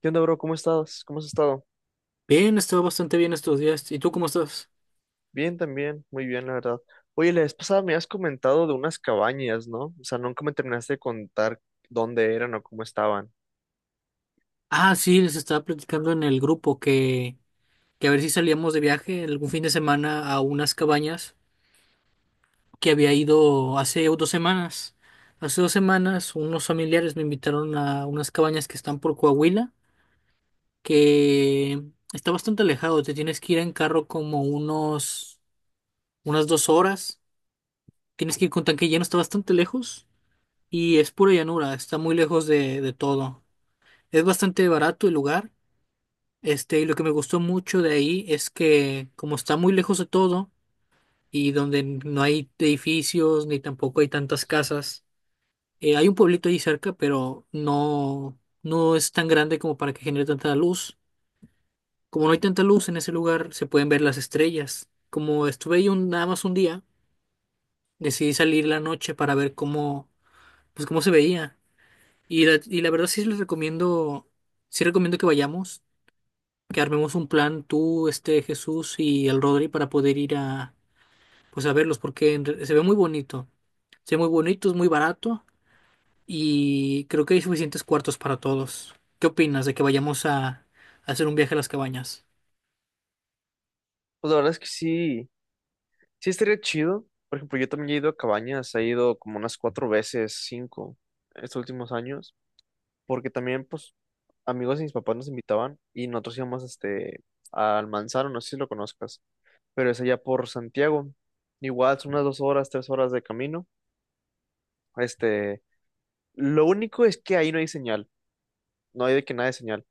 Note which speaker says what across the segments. Speaker 1: ¿Qué onda, bro? ¿Cómo estás? ¿Cómo has estado?
Speaker 2: Bien, he estado bastante bien estos días. ¿Y tú cómo estás?
Speaker 1: Bien, también, muy bien, la verdad. Oye, la vez pasada me has comentado de unas cabañas, ¿no? O sea, nunca me terminaste de contar dónde eran o cómo estaban.
Speaker 2: Ah, sí, les estaba platicando en el grupo que a ver si salíamos de viaje algún fin de semana a unas cabañas que había ido hace 2 semanas. Hace dos semanas unos familiares me invitaron a unas cabañas que están por Coahuila, que está bastante alejado. Te tienes que ir en carro como unas 2 horas. Tienes que ir con tanque lleno, está bastante lejos y es pura llanura, está muy lejos de todo. Es bastante barato el lugar. Y lo que me gustó mucho de ahí es que como está muy lejos de todo y donde no hay edificios ni tampoco hay tantas casas, hay un pueblito ahí cerca, pero no, no es tan grande como para que genere tanta luz. Como no hay tanta luz en ese lugar, se pueden ver las estrellas. Como estuve ahí nada más un día, decidí salir la noche para ver pues cómo se veía. Y la verdad sí les recomiendo, sí recomiendo que vayamos, que armemos un plan tú, Jesús y el Rodri, para poder ir a pues a verlos porque se ve muy bonito. Se ve muy bonito, es muy barato y creo que hay suficientes cuartos para todos. ¿Qué opinas de que vayamos a hacer un viaje a las cabañas?
Speaker 1: Pues la verdad es que sí, sí estaría chido. Por ejemplo, yo también he ido a cabañas, he ido como unas cuatro veces, cinco, estos últimos años, porque también, pues, amigos de mis papás nos invitaban y nosotros íbamos, al Manzano, no sé si lo conozcas, pero es allá por Santiago. Igual son unas 2 horas, 3 horas de camino. Este Lo único es que ahí no hay señal, no hay de que nada de señal.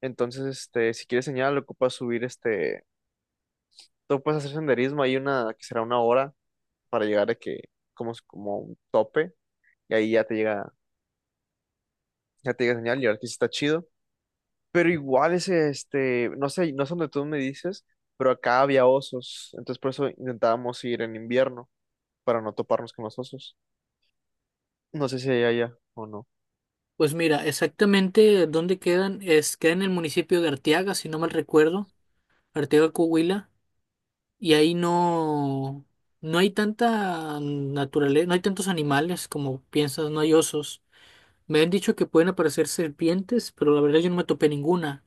Speaker 1: Entonces, si quieres señal, ocupas subir, tú puedes hacer senderismo, hay una que será una hora para llegar de que, como, como un tope, y ahí ya te llega señal, y ahora que sí está chido. Pero igual ese, no sé, no sé dónde tú me dices, pero acá había osos, entonces por eso intentábamos ir en invierno, para no toparnos con los osos. No sé si hay allá o no.
Speaker 2: Pues mira, exactamente dónde quedan es queda en el municipio de Arteaga, si no mal recuerdo, Arteaga, Coahuila, y ahí no hay tanta naturaleza, no hay tantos animales como piensas, no hay osos. Me han dicho que pueden aparecer serpientes, pero la verdad yo no me topé ninguna.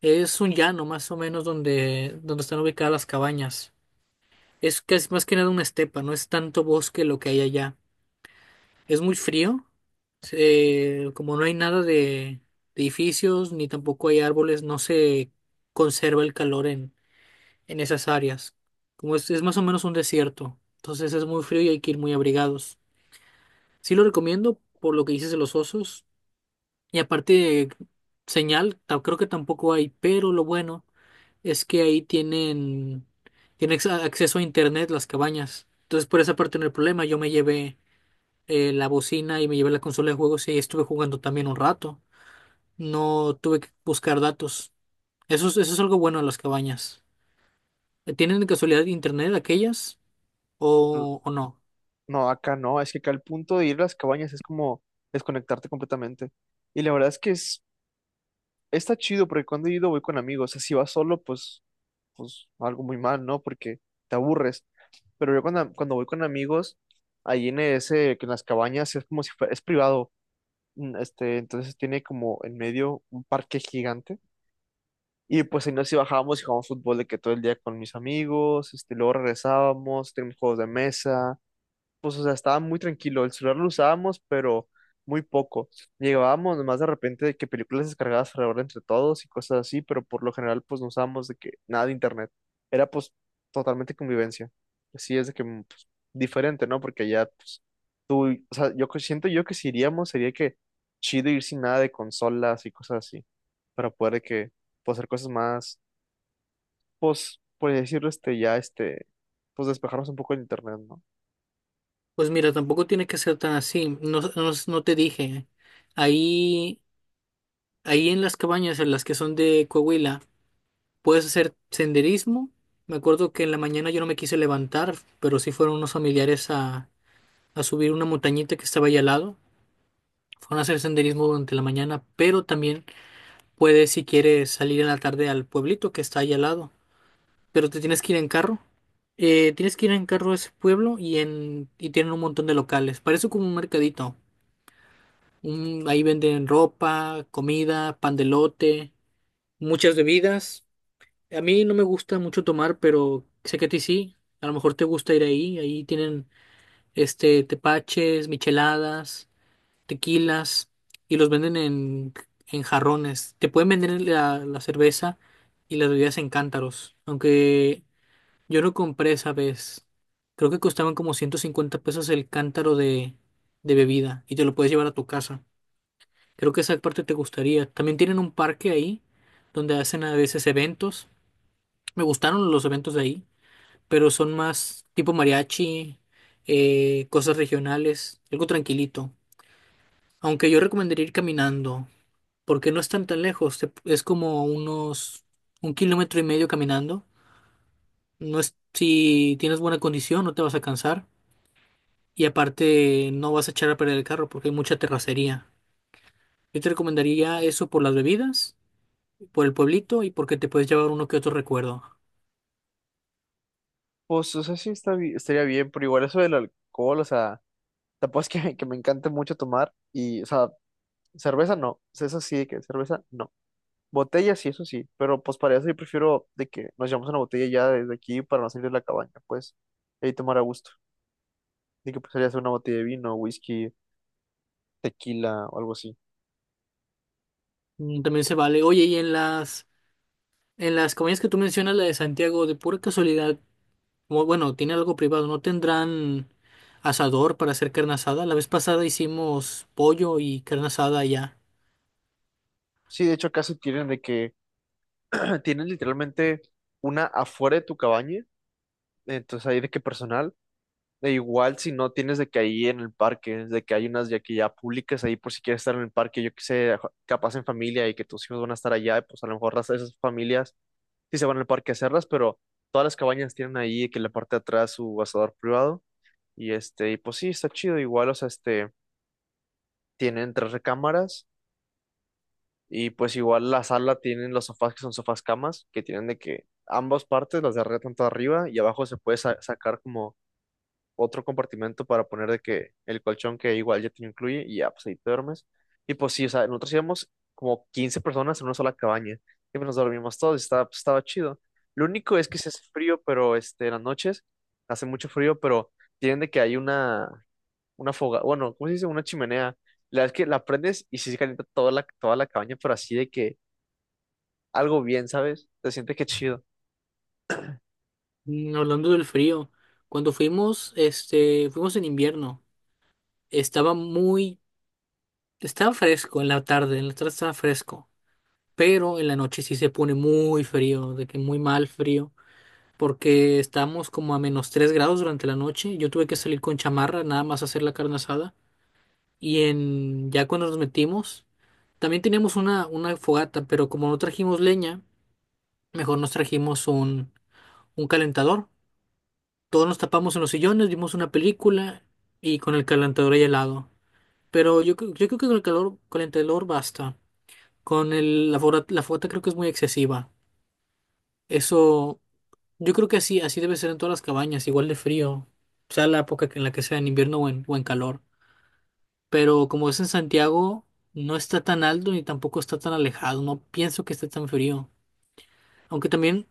Speaker 2: Es un llano más o menos donde están ubicadas las cabañas. Es casi más que nada una estepa, no es tanto bosque lo que hay allá. Es muy frío. Como no hay nada de edificios ni tampoco hay árboles, no se conserva el calor en esas áreas. Como es más o menos un desierto, entonces es muy frío y hay que ir muy abrigados. Sí lo recomiendo por lo que dices de los osos. Y aparte de señal, creo que tampoco hay, pero lo bueno es que ahí tienen acceso a internet las cabañas. Entonces por esa parte no hay problema. Yo me llevé la bocina y me llevé la consola de juegos y ahí estuve jugando también un rato. No tuve que buscar datos. Eso es algo bueno de las cabañas. ¿Tienen de casualidad internet aquellas o no?
Speaker 1: No, acá no, es que acá el punto de ir a las cabañas es como desconectarte completamente. Y la verdad es que está chido porque cuando he ido voy con amigos, o sea, si vas solo, pues, pues algo muy mal, ¿no? Porque te aburres. Pero yo cuando voy con amigos, ahí en ese, que en las cabañas es como si fuera, es privado, entonces tiene como en medio un parque gigante. Y pues ahí nos sí bajábamos y jugábamos fútbol de que todo el día con mis amigos, luego regresábamos, tenemos juegos de mesa pues, o sea, estaba muy tranquilo. El celular lo usábamos, pero muy poco. Llegábamos nomás de repente de que películas descargadas alrededor entre todos y cosas así, pero por lo general, pues, no usábamos de que nada de internet. Era, pues, totalmente convivencia. Así es de que, pues, diferente, ¿no? Porque ya, pues, tú, o sea, yo siento yo que si iríamos sería que chido ir sin nada de consolas y cosas así, para poder de que, pues, hacer cosas más, pues, por decirlo, ya, pues, despejarnos un poco del internet, ¿no?
Speaker 2: Pues mira, tampoco tiene que ser tan así. No, no, no te dije. Ahí Ahí en las cabañas, en las que son de Coahuila, puedes hacer senderismo. Me acuerdo que en la mañana yo no me quise levantar, pero sí fueron unos familiares a subir una montañita que estaba ahí al lado. Fueron a hacer senderismo durante la mañana, pero también puedes, si quieres, salir en la tarde al pueblito que está ahí al lado. Pero te tienes que ir en carro. Tienes que ir en carro a ese pueblo y tienen un montón de locales. Parece como un mercadito. Ahí venden ropa, comida, pan de elote, muchas bebidas. A mí no me gusta mucho tomar, pero sé que a ti sí. A lo mejor te gusta ir ahí. Ahí tienen tepaches, micheladas, tequilas y los venden en jarrones. Te pueden vender la cerveza y las bebidas en cántaros. Aunque yo no compré esa vez. Creo que costaban como 150 pesos el cántaro de bebida y te lo puedes llevar a tu casa. Creo que esa parte te gustaría. También tienen un parque ahí donde hacen a veces eventos. Me gustaron los eventos de ahí, pero son más tipo mariachi. Cosas regionales, algo tranquilito. Aunque yo recomendaría ir caminando, porque no están tan lejos, es como unos 1,5 km caminando. No es, si tienes buena condición, no te vas a cansar. Y aparte, no vas a echar a perder el carro porque hay mucha terracería. Yo te recomendaría eso por las bebidas, por el pueblito y porque te puedes llevar uno que otro recuerdo.
Speaker 1: Pues, o sea, sí está, estaría bien, pero igual eso del alcohol, o sea, tampoco es que, que me encante mucho tomar y, o sea, cerveza no, o sea, eso sí, de que cerveza no. Botella sí, eso sí, pero pues para eso yo prefiero de que nos llevamos una botella ya desde aquí para no salir de la cabaña, pues, y tomar a gusto. De que pues sería hacer una botella de vino, whisky, tequila o algo así.
Speaker 2: Mm, también se vale. Oye, y en las comidas que tú mencionas, la de Santiago, de pura casualidad. Bueno, tiene algo privado, ¿no tendrán asador para hacer carne asada? La vez pasada hicimos pollo y carne asada allá.
Speaker 1: Sí, de hecho acá sí tienen de que, tienen literalmente una afuera de tu cabaña, entonces ahí de que personal. E igual si no tienes de que ahí en el parque, de que hay unas ya que ya públicas ahí por si quieres estar en el parque, yo que sé, capaz en familia y que tus hijos van a estar allá, pues a lo mejor esas familias sí se van al parque a hacerlas, pero todas las cabañas tienen ahí que en la parte de atrás su asador privado y y pues sí, está chido, igual, o sea, tienen tres recámaras y pues igual la sala tienen los sofás que son sofás camas, que tienen de que ambas partes, las de arriba tanto arriba y abajo se puede sacar como otro compartimento para poner de que el colchón que igual ya te incluye y ya, pues ahí te duermes. Y pues sí, o sea, nosotros íbamos como 15 personas en una sola cabaña y pues nos dormimos todos y estaba, pues, estaba chido. Lo único es que se hace frío, pero en las noches hace mucho frío, pero tienen de que hay una foga, bueno, ¿cómo se dice? Una chimenea. La verdad es que la prendes y sí se calienta toda la cabaña, pero así de que algo bien, ¿sabes? Te sientes que chido.
Speaker 2: Mm, hablando del frío, cuando fuimos, fuimos en invierno. Estaba muy, Estaba fresco en la tarde estaba fresco, pero en la noche sí se pone muy frío, de que muy mal frío, porque estábamos como a -3 grados durante la noche. Yo tuve que salir con chamarra, nada más a hacer la carne asada. Ya cuando nos metimos, también teníamos una fogata, pero como no trajimos leña, mejor nos trajimos un calentador. Todos nos tapamos en los sillones, vimos una película y con el calentador hay helado. Pero yo creo que con el calentador basta. La fogata creo que es muy excesiva. Eso, yo creo que así debe ser en todas las cabañas, igual de frío, sea la época en la que sea, en invierno o en calor. Pero como es en Santiago, no está tan alto ni tampoco está tan alejado, no pienso que esté tan frío. Aunque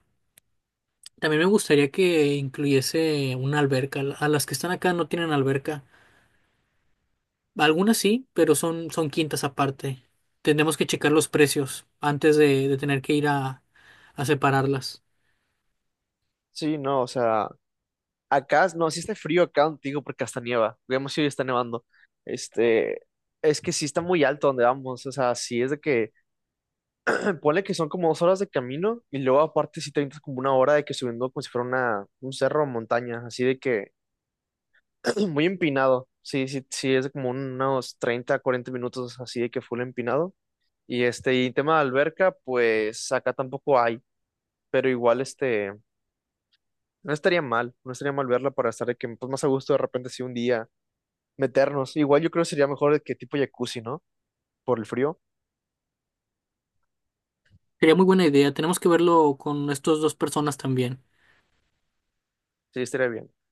Speaker 2: también me gustaría que incluyese una alberca. A las que están acá no tienen alberca. Algunas sí, pero son quintas aparte. Tendremos que checar los precios antes de tener que ir a separarlas.
Speaker 1: Sí, no, o sea, acá, no, sí está frío acá contigo porque hasta nieva. Vemos si hoy está nevando. Este, es que sí está muy alto donde vamos. O sea, sí es de que, ponle que son como 2 horas de camino y luego aparte sí te avientas como una hora de que subiendo como si fuera una, un cerro o montaña, así de que muy empinado. Sí, sí, sí, es de como unos 30, 40 minutos así de que full empinado. Y y tema de alberca, pues acá tampoco hay, pero igual no estaría mal, no estaría mal verla para estar de que pues, más a gusto de repente si un día meternos. Igual yo creo que sería mejor que tipo jacuzzi, ¿no? Por el frío.
Speaker 2: Sería muy buena idea. Tenemos que verlo con estas dos personas también.
Speaker 1: Sí, estaría bien.